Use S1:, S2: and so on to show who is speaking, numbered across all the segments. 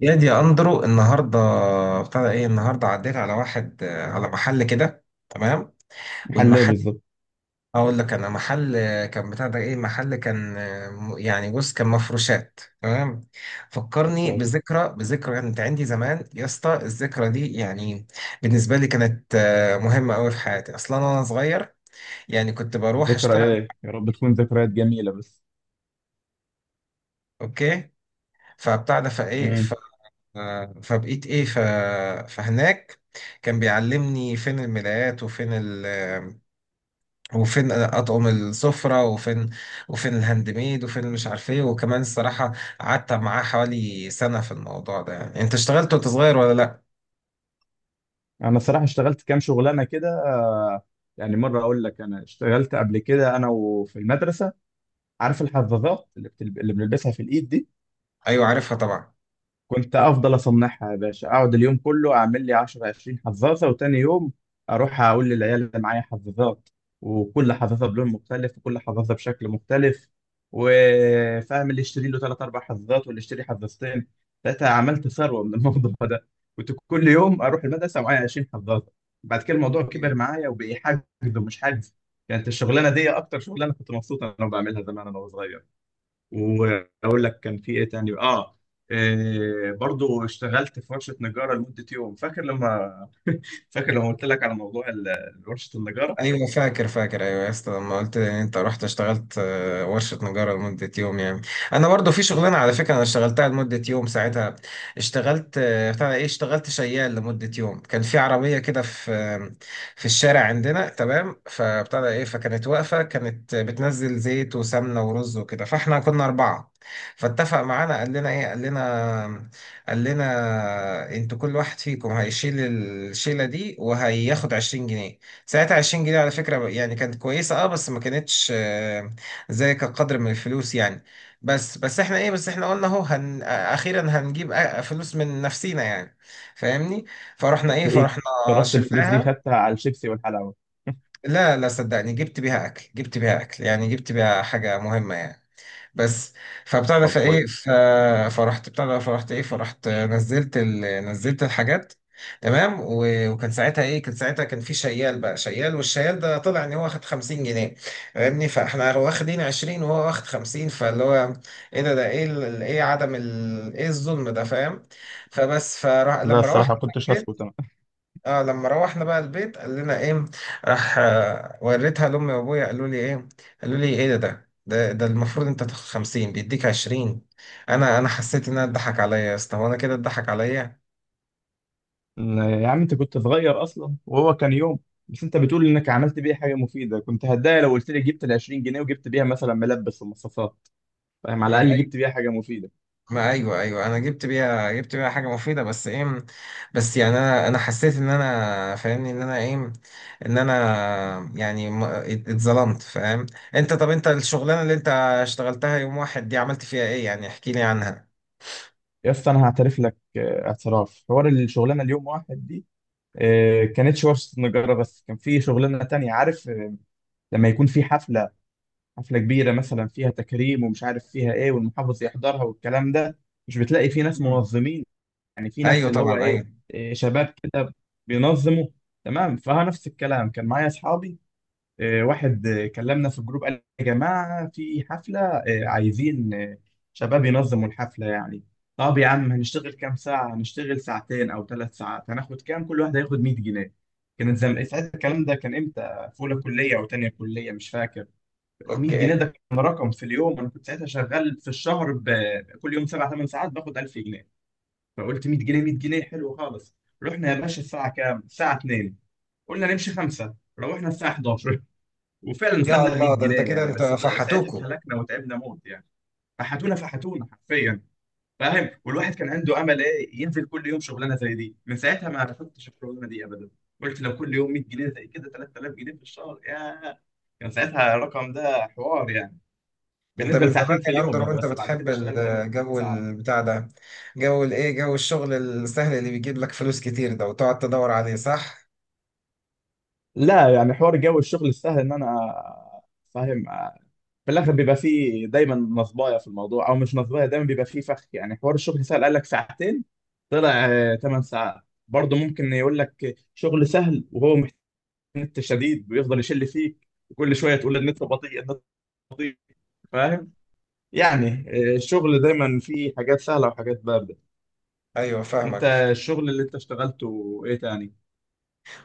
S1: يا دي يا اندرو النهارده. ابتدى ايه النهارده؟ عديت على واحد على محل كده. تمام.
S2: حلاه
S1: والمحل،
S2: بالظبط.
S1: اقول لك، انا محل كان بتاع ده ايه، محل كان يعني بص كان مفروشات. تمام.
S2: مش
S1: فكرني
S2: عارف.
S1: بذكرى بذكرى، يعني كانت عندي زمان يا اسطى الذكرى دي، يعني بالنسبه لي كانت مهمه قوي في حياتي. اصلا انا صغير يعني كنت بروح اشتغل.
S2: ذكريات يا رب تكون ذكريات جميله بس.
S1: اوكي. فبتاع ده فايه، ف-
S2: امم.
S1: فبقيت ايه، فهناك كان بيعلمني فين الملايات، وفين وفين اطعم السفره، وفين الهاند ميد، وفين مش عارف ايه، وكمان الصراحه قعدت معاه حوالي سنه في الموضوع ده. يعني انت اشتغلت وانت صغير ولا لا؟
S2: انا الصراحه اشتغلت كام شغلانه كده، يعني مره اقول لك انا اشتغلت قبل كده انا وفي المدرسه. عارف الحظاظات اللي بنلبسها في الايد دي؟
S1: ايوه عارفها طبعا.
S2: كنت افضل اصنعها يا باشا، اقعد اليوم كله اعمل لي 10 20 حظاظه، وتاني يوم اروح اقول للعيال اللي معايا حظاظات، وكل حظاظه بلون مختلف وكل حظاظه بشكل مختلف. وفاهم اللي يشتري له ثلاث اربع حظاظات واللي يشتري حظاظتين ثلاثه. عملت ثروه من الموضوع ده. كنت كل يوم اروح المدرسه معايا 20 حظاظه. بعد كده الموضوع كبر معايا وبقي حاجز ومش حاجز. كانت الشغلانه دي اكتر شغلانه كنت مبسوط انا بعملها زمان انا وصغير. واقول لك كان في ايه تاني؟ اه، إيه، برضو اشتغلت في ورشه نجاره لمده يوم. فاكر لما قلت لك على موضوع ورشه النجاره.
S1: ايوه فاكر فاكر، ايوه يا اسطى لما قلت لي ان انت رحت اشتغلت ورشه نجاره لمده يوم. يعني انا برضو في شغلانه على فكره انا اشتغلتها لمده يوم ساعتها. اشتغلت بتاع ايه، اشتغلت شيال لمده يوم. كان في عربيه كده في في الشارع عندنا. تمام. فبتاع ده ايه، فكانت واقفه، كانت بتنزل زيت وسمنه ورز وكده، فاحنا كنا اربعه. فاتفق معانا قال لنا ايه، قال لنا قال لنا انتوا كل واحد فيكم هيشيل الشيله دي وهياخد 20 جنيه. ساعتها 20 جنيه على فكرة يعني كانت كويسة، اه، بس ما كانتش زي كقدر من الفلوس يعني. بس احنا ايه، بس احنا قلنا اهو هن آه، اخيرا هنجيب فلوس من نفسينا يعني، فاهمني؟ فرحنا ايه،
S2: هتلاقيك
S1: فرحنا
S2: صرفت الفلوس دي
S1: شلناها.
S2: خدتها على الشيبسي والحلاوه.
S1: لا لا صدقني، جبت بيها اكل، جبت بيها اكل، يعني جبت بيها حاجة مهمة يعني. بس فبتاع ده
S2: طب
S1: فايه،
S2: كويس.
S1: فرحت بتاع ده، فرحت ايه، فرحت نزلت نزلت الحاجات. تمام وكان ساعتها ايه، كان ساعتها كان في شيال بقى، شيال، والشيال ده طلع ان هو واخد 50 جنيه. فاهمني؟ فاحنا واخدين 20 وهو واخد 50، فاللي هو ايه، ده ايه ايه عدم ايه الظلم ده، فاهم؟ فبس
S2: لا
S1: فلما روحت،
S2: الصراحه كنتش هسكت انا.
S1: اه لما روحنا بقى البيت، قال لنا ايه، راح وريتها لامي وابويا قالوا لي ايه ده المفروض انت تاخد 50 بيديك 20. انا حسيت انها اتضحك عليا يا اسطى، هو انا كده اتضحك عليا؟
S2: لا يا عم، انت كنت صغير اصلا وهو كان يوم. بس انت بتقول انك عملت بيه حاجه مفيده، كنت هتضايق لو قلت لي جبت ال 20 جنيه وجبت بيها مثلا ملبس ومصاصات. فاهم؟
S1: ما
S2: على الاقل
S1: أي-
S2: جبت بيها حاجه مفيده.
S1: ما ايوه، ايوه انا جبت بيها حاجه مفيده، بس ايه، بس يعني انا حسيت ان انا فاهمني ان انا ايه، ان انا يعني اتظلمت، فاهم؟ انت، طب انت الشغلانه اللي انت اشتغلتها يوم واحد دي، عملت فيها ايه يعني؟ احكي لي عنها.
S2: يا اسطى انا هعترف لك اعتراف، حوار الشغلانه اليوم واحد دي، كانتش وصلت نجارة، بس كان في شغلانة تانية، عارف؟ لما يكون في حفلة، حفلة كبيرة مثلا فيها تكريم ومش عارف فيها ايه والمحافظ يحضرها والكلام ده، مش بتلاقي في ناس منظمين؟ يعني في ناس
S1: ايوه
S2: اللي هو
S1: طبعا.
S2: ايه،
S1: ايوه.
S2: شباب كده بينظموا. تمام، فها نفس الكلام كان معايا اصحابي، واحد كلمنا في الجروب، قال يا جماعة في حفلة، عايزين شباب ينظموا الحفلة يعني. طب يا عم، هنشتغل كام ساعة؟ هنشتغل ساعتين أو 3 ساعات، هناخد كام؟ كل واحد هياخد 100 جنيه. كانت ساعتها الكلام ده كان امتى؟ في أولى كلية أو تانية كلية، مش فاكر. 100 جنيه
S1: اوكي.
S2: ده كان رقم في اليوم. أنا كنت ساعتها شغال في الشهر كل يوم 7 8 ساعات باخد 1000 جنيه. فقلت 100 جنيه، 100 جنيه حلو خالص. رحنا يا باشا، الساعة كام؟ الساعة 2. قلنا نمشي 5، روحنا الساعة 11. وفعلا
S1: يا
S2: خدنا 100
S1: الله، ده
S2: جنيه
S1: انت كده
S2: يعني،
S1: انت
S2: بس ساعتها
S1: فحتوكوا؟
S2: اتهلكنا وتعبنا موت يعني. فحتونا فحتونا حرفيا. فاهم؟ والواحد كان عنده امل ايه، ينزل كل يوم شغلانه زي دي. من ساعتها ما رفضتش الشغلانه دي ابدا. قلت لو كل يوم 100 جنيه زي كده، 3000 جنيه في الشهر يا، كان ساعتها الرقم ده حوار يعني
S1: انت
S2: بالنسبه
S1: من زمان
S2: لساعتين في
S1: يا
S2: اليوم
S1: اندر
S2: يعني.
S1: وانت
S2: بس بعد
S1: بتحب
S2: كده اشتغلنا 8
S1: الجو
S2: ساعات.
S1: البتاع ده، جو الايه، جو الشغل السهل اللي بيجيب لك فلوس كتير ده وتقعد تدور عليه، صح؟
S2: لا يعني، حوار جو الشغل السهل ان انا، فاهم؟ في الاخر بيبقى فيه دايما نصبايه في الموضوع او مش نصبايه، دايما بيبقى فيه فخ يعني. حوار الشغل سهل، قال لك ساعتين، طلع 8 ساعات. برضه ممكن يقول لك شغل سهل وهو محتاج نت شديد، ويفضل يشل فيك، وكل شويه تقول النت بطيء، النت بطيء. فاهم يعني؟ الشغل دايما فيه حاجات سهله وحاجات بارده.
S1: ايوه
S2: انت
S1: فاهمك.
S2: الشغل اللي انت اشتغلته ايه تاني؟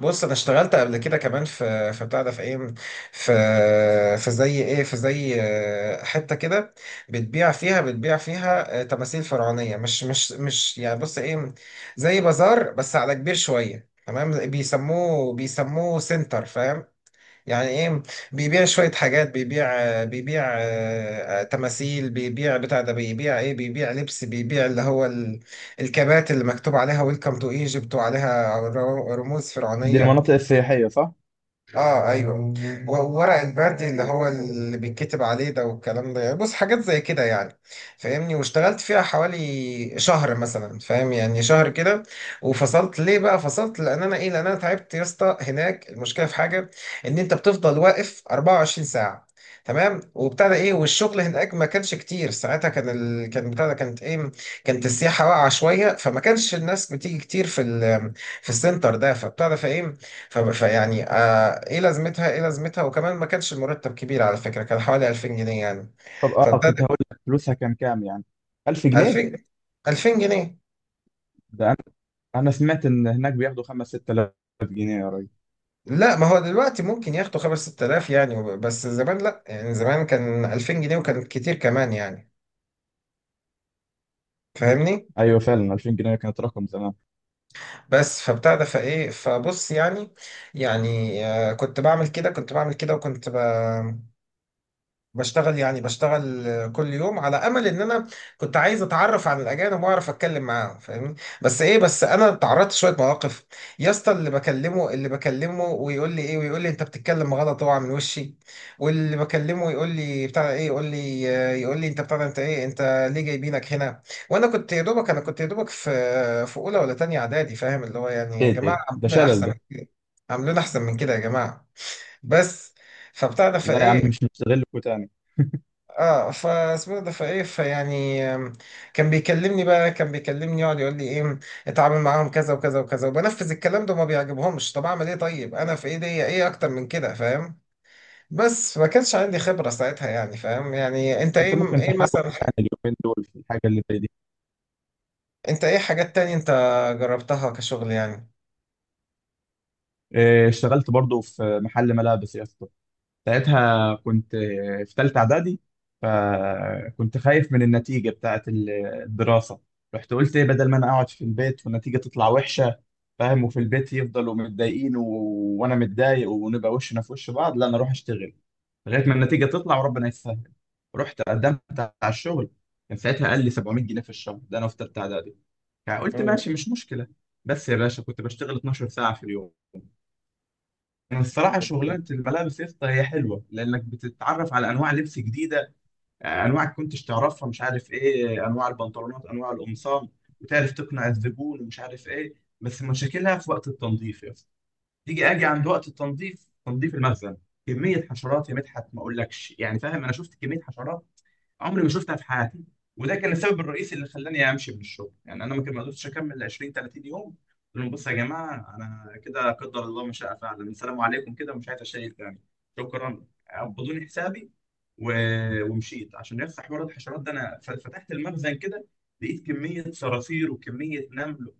S1: بص انا اشتغلت قبل كده كمان في بتاع ده، في ايه، في زي ايه، في زي حته كده بتبيع فيها، تماثيل فرعونيه، مش يعني، بص ايه، زي بازار بس على كبير شويه. تمام. بيسموه سنتر، فاهم يعني ايه، بيبيع شويه حاجات، بيبيع بيبيع تماثيل، بيبيع بتاع ده، بيبيع ايه، بيبيع لبس، بيبيع اللي هو الكبات اللي مكتوب عليها ويلكم تو ايجيبت، وعليها رموز
S2: دي
S1: فرعونيه.
S2: المناطق السياحيه، صح؟
S1: اه ايوه، وورق البرد اللي هو اللي بيتكتب عليه ده، والكلام ده يعني، بص حاجات زي كده يعني، فاهمني؟ واشتغلت فيها حوالي شهر مثلا، فاهم يعني، شهر كده. وفصلت ليه بقى، فصلت لان انا ايه، لان انا تعبت يا اسطى هناك. المشكله في حاجه ان انت بتفضل واقف 24 ساعه. تمام. وبتاع ده ايه، والشغل هناك ما كانش كتير ساعتها، كان كان بتاع ده، كانت ايه، كانت السياحه واقعه شويه، فما كانش الناس بتيجي كتير في في السنتر ده. فبتاع ده فايه، فيعني آه ايه لازمتها، ايه لازمتها، وكمان ما كانش المرتب كبير على فكرة، كان حوالي 2000 جنيه يعني.
S2: طب اه، كنت
S1: فابتدى،
S2: هقول لك فلوسها كام كام يعني، 1000 جنيه؟
S1: 2000 2000 جنيه.
S2: ده انا سمعت ان هناك بياخدوا 5 6000 جنيه يا راجل.
S1: لا ما هو دلوقتي ممكن ياخدوا 5 6000 يعني، بس زمان لا، يعني زمان كان 2000 جنيه وكان كتير كمان يعني، فاهمني؟
S2: ايوه فعلا، 2000 جنيه كانت رقم زمان.
S1: بس فابتدى فايه، فبص يعني، آه، كنت بعمل كده، وكنت بشتغل يعني، بشتغل كل يوم على امل ان انا كنت عايز اتعرف عن الاجانب واعرف اتكلم معاهم، فاهمني؟ بس ايه، بس انا اتعرضت شويه مواقف يا اسطى، اللي بكلمه ويقول لي ايه، ويقول لي انت بتتكلم غلط اوعى من وشي. واللي بكلمه يقول لي بتاع ايه، يقول لي انت بتاع ده، انت ايه، انت ليه جايبينك هنا؟ وانا كنت يا دوبك، في اولى ولا تانية اعدادي، فاهم اللي هو يعني يا
S2: ايه ده، إيه
S1: جماعه،
S2: ده، ده
S1: عاملين
S2: شلل
S1: احسن من
S2: ده.
S1: كده، عاملين احسن من كده يا جماعه، بس. فبتاع ده
S2: لا يا عم،
S1: فايه،
S2: مش مستغلكوا تاني.
S1: اه، فاسمه ده فايه، فيعني كان بيكلمني بقى، كان بيكلمني يقعد يقول لي ايه، اتعامل معاهم كذا وكذا وكذا، وبنفذ الكلام ده وما بيعجبهمش، طب اعمل ايه، طيب انا في ايدي ايه اكتر من كده، فاهم؟ بس ما كانش عندي خبرة ساعتها يعني، فاهم يعني انت
S2: انت
S1: ايه،
S2: ممكن
S1: ايه
S2: تحاول
S1: مثلا،
S2: تاني اليومين دول في الحاجه اللي زي دي؟
S1: انت ايه حاجات تانية انت جربتها كشغل يعني؟
S2: إيه، اشتغلت برضو في محل ملابس يا اسطى. ساعتها كنت في تالتة إعدادي، فكنت خايف من النتيجة بتاعة الدراسة. رحت قلت إيه، بدل ما أنا أقعد في البيت والنتيجة تطلع وحشة، فاهم، وفي البيت يفضلوا متضايقين و... وأنا متضايق ونبقى وشنا في وش بعض، لا أنا أروح أشتغل لغاية ما النتيجة تطلع وربنا يسهل. رحت قدمت على الشغل، كان ساعتها قال لي 700 جنيه في الشهر. ده أنا في تالتة إعدادي، فقلت
S1: مم.
S2: ماشي، مش مشكلة. بس يا باشا كنت بشتغل 12 ساعة في اليوم. يعني الصراحة شغلانة الملابس يا اسطى هي حلوة، لأنك بتتعرف على أنواع لبس جديدة، أنواع كنتش تعرفها، مش عارف إيه، أنواع البنطلونات، أنواع القمصان، وتعرف تقنع الزبون ومش عارف إيه. بس مشاكلها في وقت التنظيف يا اسطى. تيجي أجي عند وقت التنظيف، تنظيف المخزن، كمية حشرات يا مدحت ما أقولكش يعني. فاهم؟ أنا شفت كمية حشرات عمري ما شفتها في حياتي. وده كان السبب الرئيسي اللي خلاني امشي من الشغل يعني. انا ما كان، ما قدرتش اكمل 20 30 يوم. قلت لهم بصوا يا جماعه، انا كده قدر الله ما شاء فعل، السلام عليكم كده، ومش عايز اشيل تاني. شكرا. قبضوني حسابي و... ومشيت. عشان يفتح حوار الحشرات ده، انا فتحت المخزن كده، لقيت كميه صراصير وكميه نمل.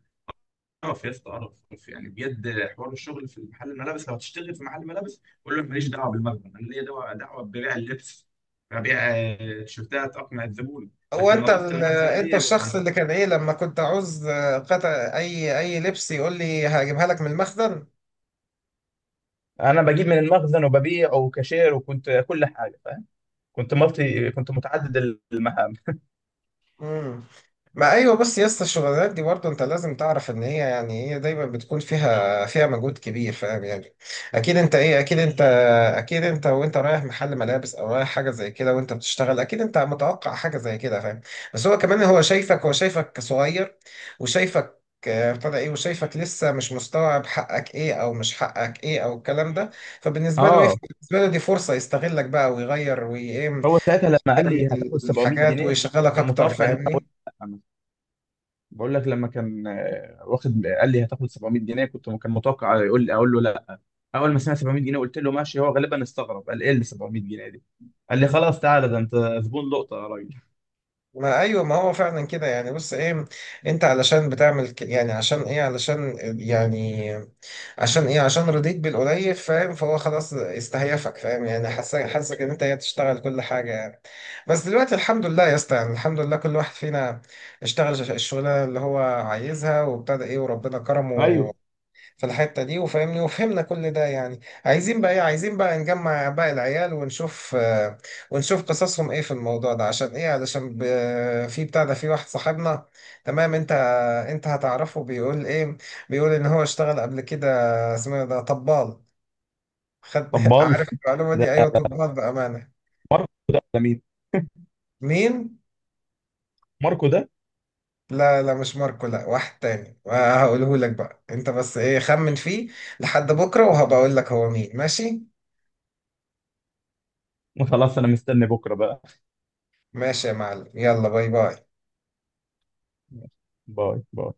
S2: اعرف يا اسطى، اعرف، اعرف يعني، بجد حوار الشغل في محل الملابس. لو هتشتغل في محل ملابس قول له أنا ماليش دعوه بالمخزن، انا ليا دعوه، دعوه ببيع اللبس، ببيع تيشيرتات، اقنع الزبون،
S1: هو
S2: لكن
S1: انت
S2: نظافه المخزن
S1: انت
S2: دي ابعد
S1: الشخص
S2: عنها.
S1: اللي كان ايه لما كنت عاوز قطع اي لبس يقول لي هجيبها لك من المخزن؟
S2: انا بجيب من المخزن وببيع وكاشير وكنت كل حاجه، فاهم؟ كنت مالتي، كنت متعدد المهام.
S1: مم. ما ايوه، بس يا اسطى الشغلانات دي برضه انت لازم تعرف ان هي، يعني هي دايما بتكون فيها، مجهود كبير، فاهم يعني؟ اكيد انت ايه، اكيد انت، اكيد انت وانت رايح محل ملابس او رايح حاجه زي كده وانت بتشتغل، اكيد انت متوقع حاجه زي كده، فاهم؟ بس هو كمان، هو شايفك، صغير، وشايفك ابتدى ايه، وشايفك لسه مش مستوعب حقك ايه، او مش حقك ايه، او الكلام ده. فبالنسبه له ايه،
S2: اه،
S1: بالنسبه له دي فرصه يستغلك بقى، ويغير وايه،
S2: هو ساعتها لما قال لي
S1: يعمل
S2: هتاخد 700
S1: الحاجات
S2: جنيه
S1: ويشغلك
S2: كان
S1: اكتر،
S2: متوقع ان،
S1: فاهمني؟
S2: لا. بقول لك، لما كان واخد، قال لي هتاخد 700 جنيه، كنت كان متوقع يقول لي اقول له لا. اول ما سمع 700 جنيه قلت له ماشي. هو غالبا استغرب، قال ايه اللي 700 جنيه دي؟ قال لي خلاص تعالى، ده انت زبون لقطه يا راجل.
S1: ما ايوه، ما هو فعلا كده يعني، بص ايه، انت علشان بتعمل يعني عشان ايه، علشان يعني عشان ايه، عشان رضيت بالقليل، فاهم؟ فهو خلاص استهيفك، فاهم يعني، حاسك، ان انت هي تشتغل كل حاجه يعني. بس دلوقتي الحمد لله يا اسطى، يعني الحمد لله كل واحد فينا اشتغل الشغلانه اللي هو عايزها، وابتدى ايه وربنا كرمه
S2: ايوه.
S1: في الحتة دي، وفاهمني وفهمنا كل ده يعني، عايزين بقى ايه، عايزين بقى نجمع باقي العيال ونشوف ونشوف قصصهم ايه في الموضوع ده. عشان ايه، علشان في بتاع ده، في واحد صاحبنا. تمام. انت هتعرفه، بيقول ايه، بيقول ان هو اشتغل قبل كده. اسمه إيه ده، طبال. خد
S2: طب بال
S1: عارف المعلومة دي؟
S2: ده،
S1: ايوه طبال بأمانة.
S2: ماركو ده ولا مين؟
S1: مين؟
S2: ماركو ده؟
S1: لا لا، مش ماركو، لا واحد تاني هقوله لك بقى، انت بس ايه خمن فيه لحد بكرة وهبقول لك هو مين. ماشي.
S2: خلاص انا مستني بكره بقى.
S1: ماشي يا معلم، يلا باي باي.
S2: باي باي.